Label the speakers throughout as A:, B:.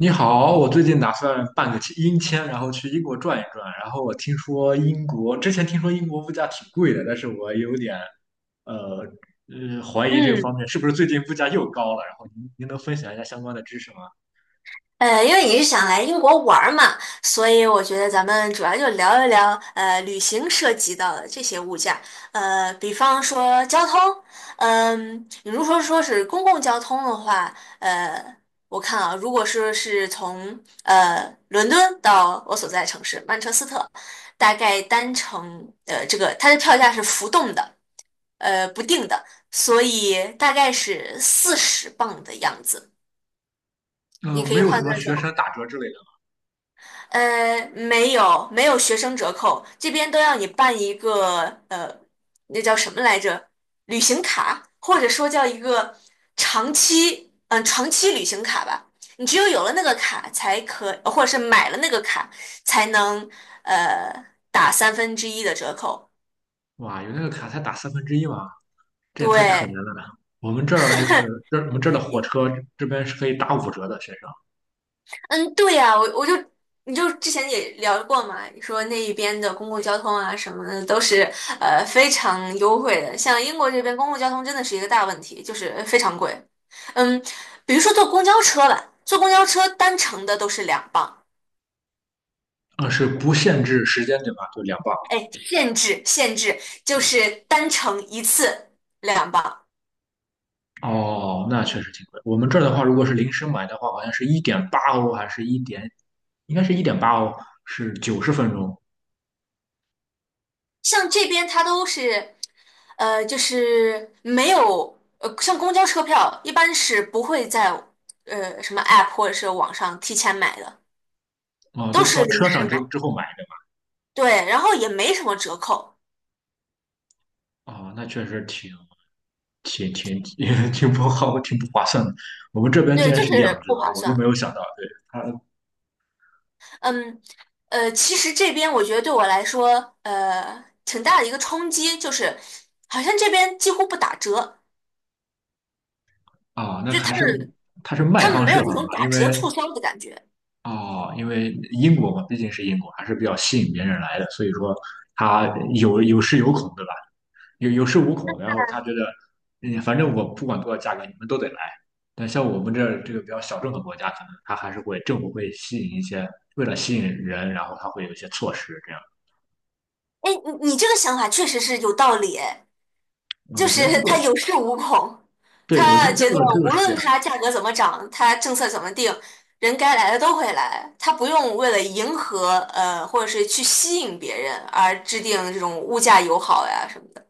A: 你好，我最近打算办个签英签，然后去英国转一转。然后我听说英国，之前听说英国物价挺贵的，但是我有点，呃怀疑这个方
B: 嗯，
A: 面是不是最近物价又高了。然后您能分享一下相关的知识吗？
B: 因为你是想来英国玩儿嘛，所以我觉得咱们主要就聊一聊旅行涉及到的这些物价，比方说交通，嗯、你如果说是公共交通的话，呃，我看啊，如果说是从伦敦到我所在城市曼彻斯特，大概单程这个它的票价是浮动的，不定的，所以大概是40磅的样子，你
A: 嗯，
B: 可
A: 没
B: 以
A: 有什
B: 换
A: 么
B: 算成。
A: 学生打折之类的。
B: 没有，没有学生折扣，这边都要你办一个呃，那叫什么来着？旅行卡，或者说叫一个长期，嗯、长期旅行卡吧。你只有有了那个卡，才可，或者是买了那个卡，才能呃打三分之一的折扣。
A: 哇，有那个卡才打三分之一吗？这也太可怜
B: 对，
A: 了呢。我们这儿就是我们这儿的火车这边是可以打5折的，学生。
B: 嗯，对呀，我就你就之前也聊过嘛，你说那一边的公共交通啊什么的都是非常优惠的，像英国这边公共交通真的是一个大问题，就是非常贵。嗯，比如说坐公交车吧，坐公交车单程的都是两磅，
A: 嗯，是不限制时间对吧？就两班。
B: 哎，限制就是单程一次两磅，
A: 哦，那确实挺贵。我们这儿的话，如果是临时买的话，好像是一点八欧，还是一点，应该是一点八欧，是90分钟
B: 像这边它都是，就是没有，像公交车票一般是不会在什么 app 或者是网上提前买的，
A: 啊，
B: 都
A: 都到
B: 是临
A: 车
B: 时
A: 上之
B: 买。
A: 之后买
B: 对，然后也没什么折扣，
A: 的啊，那确实挺 挺不好，挺不划算的。我们这边竟
B: 对，
A: 然
B: 就
A: 是两
B: 是不
A: 折，
B: 划
A: 我都没
B: 算。
A: 有想到。对，它
B: 嗯，其实这边我觉得对我来说，挺大的一个冲击，就是好像这边几乎不打折，
A: 啊，那
B: 就是
A: 还是它是卖
B: 他们
A: 方
B: 没
A: 市
B: 有
A: 场
B: 那种
A: 嘛，
B: 打
A: 因
B: 折
A: 为
B: 促销的感觉。
A: 哦，因为英国嘛，毕竟是英国，还是比较吸引别人来的，所以说它有恃有恐，对吧？有恃无恐，然后他觉得，嗯，反正我不管多少价格，你们都得来。但像我们这个比较小众的国家，可能他还是会政府会吸引一些，为了吸引人，然后他会有一些措施这样。
B: 哎，你这个想法确实是有道理诶，
A: 嗯，
B: 就
A: 我觉得这
B: 是
A: 个，
B: 他有恃无恐，
A: 对，我觉
B: 他
A: 得这
B: 觉得
A: 个这个
B: 无
A: 是这
B: 论
A: 样，
B: 它价格怎么涨，它政策怎么定，人该来的都会来，他不用为了迎合或者是去吸引别人而制定这种物价友好呀什么的。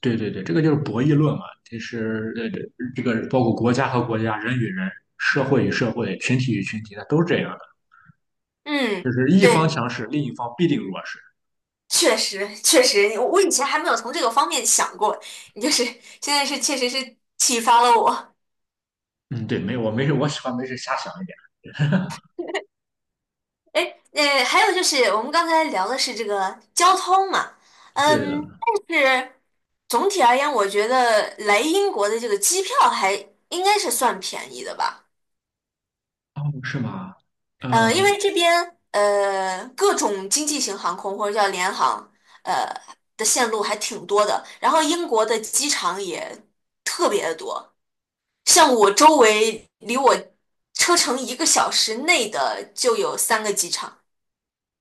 A: 对对对，这个就是博弈论嘛。其实这个包括国家和国家、人与人、社会与社会、群体与群体，它都是这样的，
B: 嗯，
A: 就是一方
B: 对，
A: 强势，另一方必定弱势。
B: 确实确实，我以前还没有从这个方面想过，你就是现在是确实是启发了我。
A: 嗯，对，没有，我没事，我喜欢没事瞎想一点。
B: 哎，还有就是我们刚才聊的是这个交通嘛，
A: 对的，
B: 嗯，但是总体而言，我觉得来英国的这个机票还应该是算便宜的吧，
A: 哦，是吗？
B: 嗯、因
A: 嗯。
B: 为这边各种经济型航空或者叫联航呃的线路还挺多的，然后英国的机场也特别的多，像我周围离我车程一个小时内的就有3个机场，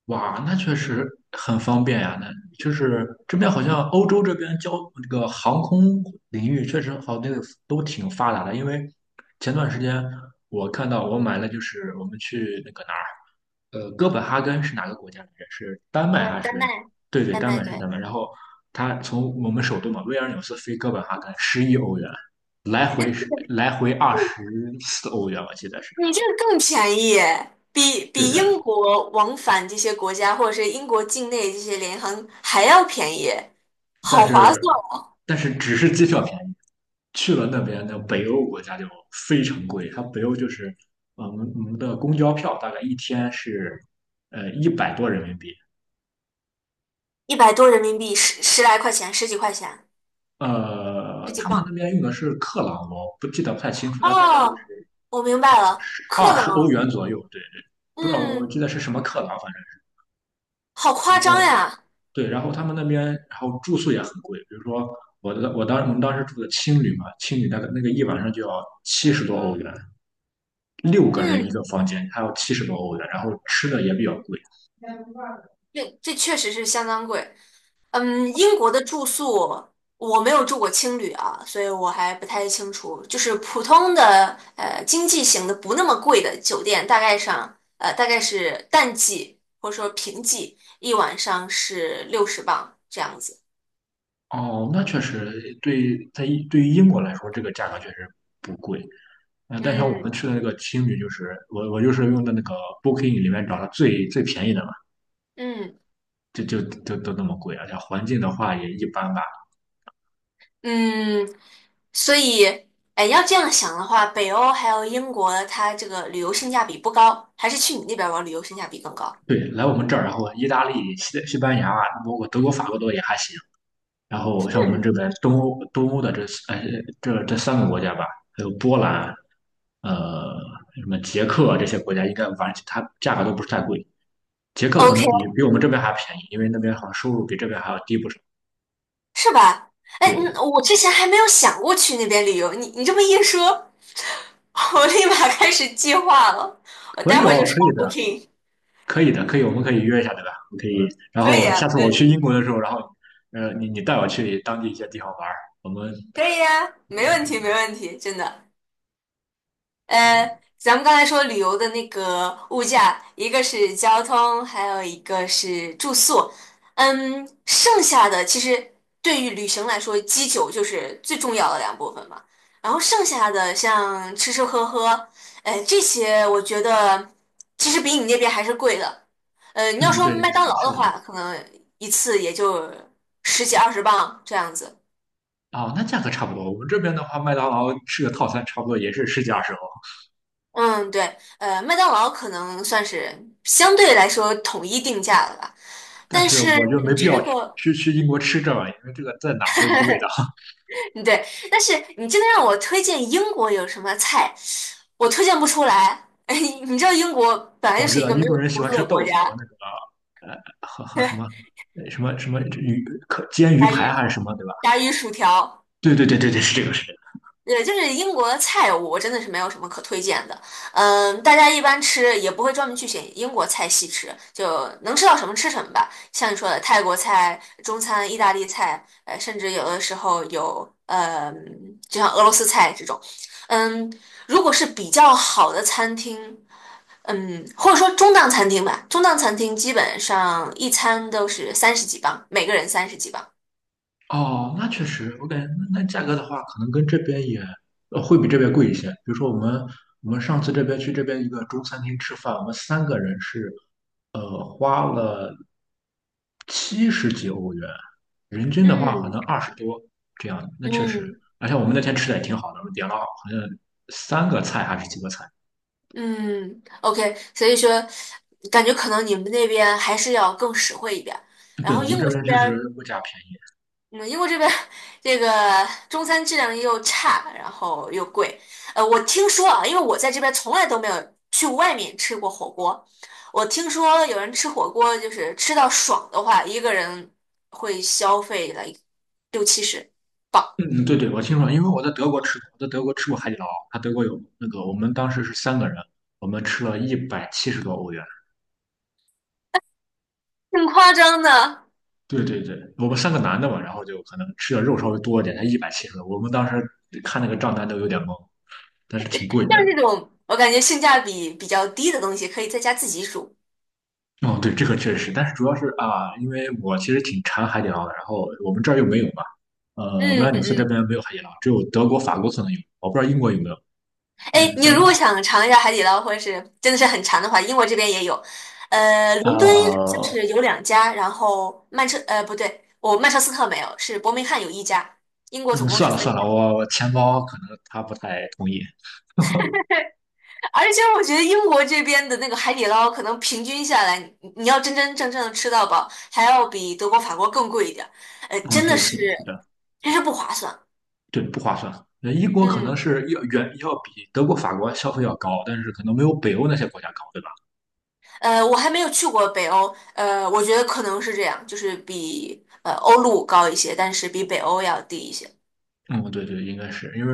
A: 哇，那确实很方便呀。那就是这边好像欧洲这边这个航空领域确实好，那个都挺发达的。因为前段时间我看到我买了，就是我们去那个哪儿，哥本哈根是哪个国家来着？是丹麦还
B: 丹麦，
A: 是？对对，
B: 丹
A: 丹
B: 麦
A: 麦是
B: 对。
A: 丹麦。然后他从我们首都嘛，维尔纽斯飞哥本哈根，11欧元，来回24欧元，我记得是。
B: 你这个更便宜耶，比
A: 对
B: 比
A: 对。
B: 英国往返这些国家，或者是英国境内这些联航还要便宜，
A: 但
B: 好划
A: 是
B: 算！
A: 但是只是机票便宜，去了那边的北欧国家就非常贵。它北欧就是我们的公交票大概一天是一百多人民币，
B: 100多人民币，十十来块钱，十几块钱，十几
A: 他们那
B: 磅。
A: 边用的是克朗，我不记得不太清楚，但大概就
B: 哦，
A: 是
B: 我明白了，
A: 二
B: 克
A: 十欧
B: 朗，
A: 元左右，对对，不知道我
B: 嗯，
A: 记得是什么克朗，反正是
B: 好夸
A: 然
B: 张
A: 后
B: 呀，
A: 对，然后他们那边然后住宿也很贵，比如说。我们当时住的青旅嘛，青旅大概那个一晚上就要七十多欧元，六个人
B: 嗯，
A: 一个房间，还有七十多欧的，然后吃的也比较贵。
B: 这这确实是相当贵。嗯，英国的住宿我没有住过青旅啊，所以我还不太清楚。就是普通的经济型的不那么贵的酒店，大概上大概是淡季或者说平季，一晚上是60磅这样子。
A: 哦，那确实对，对于英国来说，这个价格确实不贵。但像我们
B: 嗯
A: 去的那个青旅，就是我就是用的那个 Booking 里面找的最最便宜的嘛，
B: 嗯
A: 就都那么贵啊，而且环境的话也一般吧。
B: 嗯，所以哎，要这样想的话，北欧还有英国，它这个旅游性价比不高，还是去你那边玩旅游性价比更高。
A: 对，来我们这儿，然后意大利、西班牙啊、包括德国、法国都也还行。然后像我们
B: 嗯。
A: 这边东欧的呃这三个国家吧，还有波兰，呃什么捷克啊这些国家，应该玩它价格都不是太贵。捷克可
B: OK，
A: 能比我们这边还便宜，因为那边好像收入比这边还要低不少。
B: 是吧？哎，
A: 对，
B: 嗯我之前还没有想过去那边旅游，你你这么一说，我立马开始计划了。我
A: 可
B: 待
A: 以
B: 会儿
A: 哦，
B: 就刷
A: 可以的，
B: Booking，
A: 可以的，可以，我们可以约一下，对吧？我可以，然
B: 可以
A: 后
B: 啊，
A: 下
B: 没
A: 次我
B: 问
A: 去英
B: 题，
A: 国的时候，然后你带我去当地一些地方玩儿，我们
B: 可以啊，没
A: 嗯
B: 问
A: 是
B: 题，没问题，真的。呃，
A: 对，
B: 咱们刚才说旅游的那个物价，一个是交通，还有一个是住宿。嗯，剩下的其实对于旅行来说，基酒就是最重要的两部分嘛。然后剩下的像吃吃喝喝，哎，这些我觉得其实比你那边还是贵的。你要
A: 嗯
B: 说
A: 对
B: 麦
A: 是
B: 当劳
A: 是
B: 的
A: 的。
B: 话，可能一次也就十几二十磅这样子。
A: 哦，那价格差不多。我们这边的话，麦当劳吃个套餐差不多也是十几二十欧。
B: 嗯，对，麦当劳可能算是相对来说统一定价了吧，
A: 但
B: 但
A: 是
B: 是
A: 我觉得没
B: 你
A: 必
B: 吃
A: 要去
B: 过？
A: 去去英国吃这玩意儿因为这个在哪儿都一个味道。
B: 对，但是你真的让我推荐英国有什么菜，我推荐不出来。哎，你知道英国本 来就
A: 我知
B: 是一
A: 道
B: 个
A: 英
B: 没有
A: 国人喜
B: 厨
A: 欢
B: 子
A: 吃
B: 的国
A: 豆子和
B: 家，
A: 那个和什么 什么鱼可煎鱼
B: 炸鱼、
A: 排还是什么，对吧？
B: 炸鱼薯条。
A: 对对对对对，是这个
B: 对，就是英国的菜，我真的是没有什么可推荐的。嗯，大家一般吃也不会专门去选英国菜系吃，就能吃到什么吃什么吧。像你说的泰国菜、中餐、意大利菜，甚至有的时候有就像俄罗斯菜这种。嗯，如果是比较好的餐厅，嗯，或者说中档餐厅吧，中档餐厅基本上一餐都是三十几磅，每个人三十几磅。
A: 哦，那确实，我感觉那价格的话，可能跟这边也会比这边贵一些。比如说我们上次这边去这边一个中餐厅吃饭，我们三个人是花了七十几欧元，人均的话可能
B: 嗯
A: 二十多这样。那确实，
B: 嗯。
A: 而且我们那天吃的也挺好的，我们点了好像三个菜还是几个菜。
B: 嗯，OK，所以说，感觉可能你们那边还是要更实惠一点儿，然
A: 对，
B: 后
A: 我们
B: 英
A: 这
B: 国这
A: 边确
B: 边儿，
A: 实物价便宜。
B: 嗯，英国这边儿这个中餐质量又差，然后又贵。我听说啊，因为我在这边从来都没有去外面吃过火锅，我听说有人吃火锅就是吃到爽的话，一个人会消费了六七十镑，
A: 嗯，对对，我听说，因为我在德国吃过，我在德国吃过海底捞，它德国有那个，我们当时是三个人，我们吃了一百七十多欧元。
B: 挺夸张的。
A: 对对对，我们三个男的嘛，然后就可能吃的肉稍微多一点，才一百七十多。我们当时看那个账单都有点懵，但是挺贵的。
B: 像这种我感觉性价比比较低的东西，可以在家自己煮。
A: 哦，对，这个确实，但是主要是啊，因为我其实挺馋海底捞的，然后我们这儿又没有嘛，威
B: 嗯
A: 尔纽斯这
B: 嗯。
A: 边没有海底捞，只有德国、法国可能有，我不知道英国有没有。
B: 哎，
A: 嗯，
B: 你
A: 像
B: 如果想尝一下海底捞，或者是真的是很馋的话，英国这边也有。伦敦就
A: 呃，
B: 是有2家，然后不对，我曼彻斯特没有，是伯明翰有1家。英国
A: 嗯，
B: 总共
A: 算
B: 是
A: 了
B: 三
A: 算
B: 家，
A: 了，我钱包可能他不太同意。
B: 而且我觉得英国这边的那个海底捞，可能平均下来，你你要真真正正的吃到饱，还要比德国、法国更贵一点儿。
A: 嗯，
B: 真的
A: 对，是
B: 是，
A: 的，是的，
B: 真是不划算。
A: 对，不划算。那英国可能
B: 嗯，
A: 是要远要比德国、法国消费要高，但是可能没有北欧那些国家高，对吧？
B: 我还没有去过北欧，我觉得可能是这样，就是比欧陆高一些，但是比北欧要低一些。
A: 嗯，对对，应该是因为，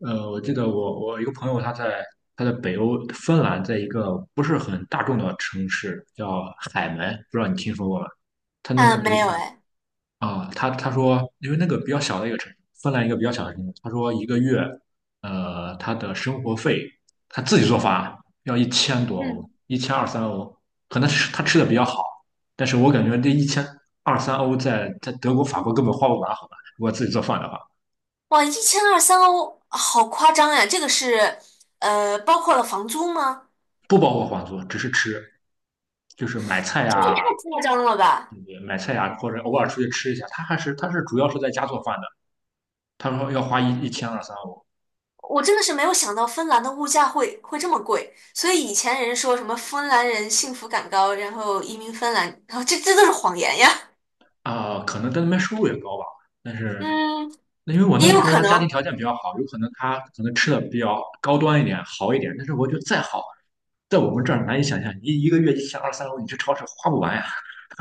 A: 我记得我一个朋友他在北欧芬兰，在一个不是很大众的城市叫海门，不知道你听说过吗？他那
B: 啊，
A: 边读
B: 没有
A: 书，
B: 哎，
A: 啊，他说，因为那个比较小的一个城市，芬兰一个比较小的城市，他说一个月，他的生活费他自己做饭要一千多欧，
B: 嗯，
A: 一千二三欧，可能是他吃的比较好，但是我感觉这一千二三欧在德国、法国根本花不完，好吧？如果自己做饭的话，
B: 哇，一千二三欧，好夸张呀！这个是包括了房租吗？
A: 不包括房租，只是吃，就是买菜
B: 这也
A: 呀、
B: 太夸张了吧！
A: 嗯买菜呀、或者偶尔出去吃一下，他是主要是在家做饭的，他说要花一千二三欧
B: 我真的是没有想到芬兰的物价会这么贵，所以以前人说什么芬兰人幸福感高，然后移民芬兰，然后这这都是谎言呀。
A: 啊，可能在那边收入也高吧。但是
B: 嗯，
A: 那因为我那
B: 也
A: 个
B: 有
A: 朋友
B: 可
A: 他家庭
B: 能，
A: 条件比较好，有可能他可能吃的比较高端一点、好一点，但是我觉得再好，在我们这儿难以想象，你一个月一千二三欧，你去超市花不完呀。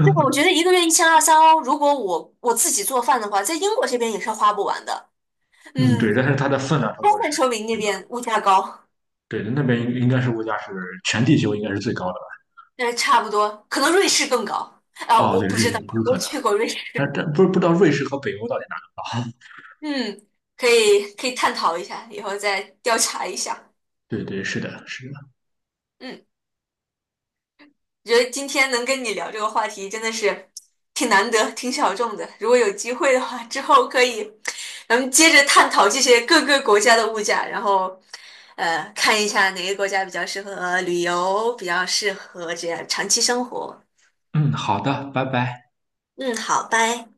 B: 对，我觉得一个月一千二三欧，如果我自己做饭的话，在英国这边也是花不完的。
A: 嗯，
B: 嗯，
A: 对，但是它的分量差不
B: 充
A: 多
B: 分
A: 是
B: 说明那
A: 这个，
B: 边物价高，
A: 对，那边应该是物价是全地球应该是最高的
B: 差不多，可能瑞士更高啊，
A: 吧？哦，
B: 我
A: 对，
B: 不知
A: 日
B: 道，
A: 有可
B: 我
A: 能，
B: 去过瑞士。
A: 但不是不知道瑞士和北欧到底哪儿？
B: 嗯，可以可以探讨一下，以后再调查一下。
A: 对对，是的，是的。
B: 嗯。觉得今天能跟你聊这个话题真的是挺难得、挺小众的。如果有机会的话，之后可以咱们接着探讨这些各个国家的物价，然后看一下哪个国家比较适合旅游，比较适合这样长期生活。
A: 嗯，好的，拜拜。
B: 嗯，好，拜。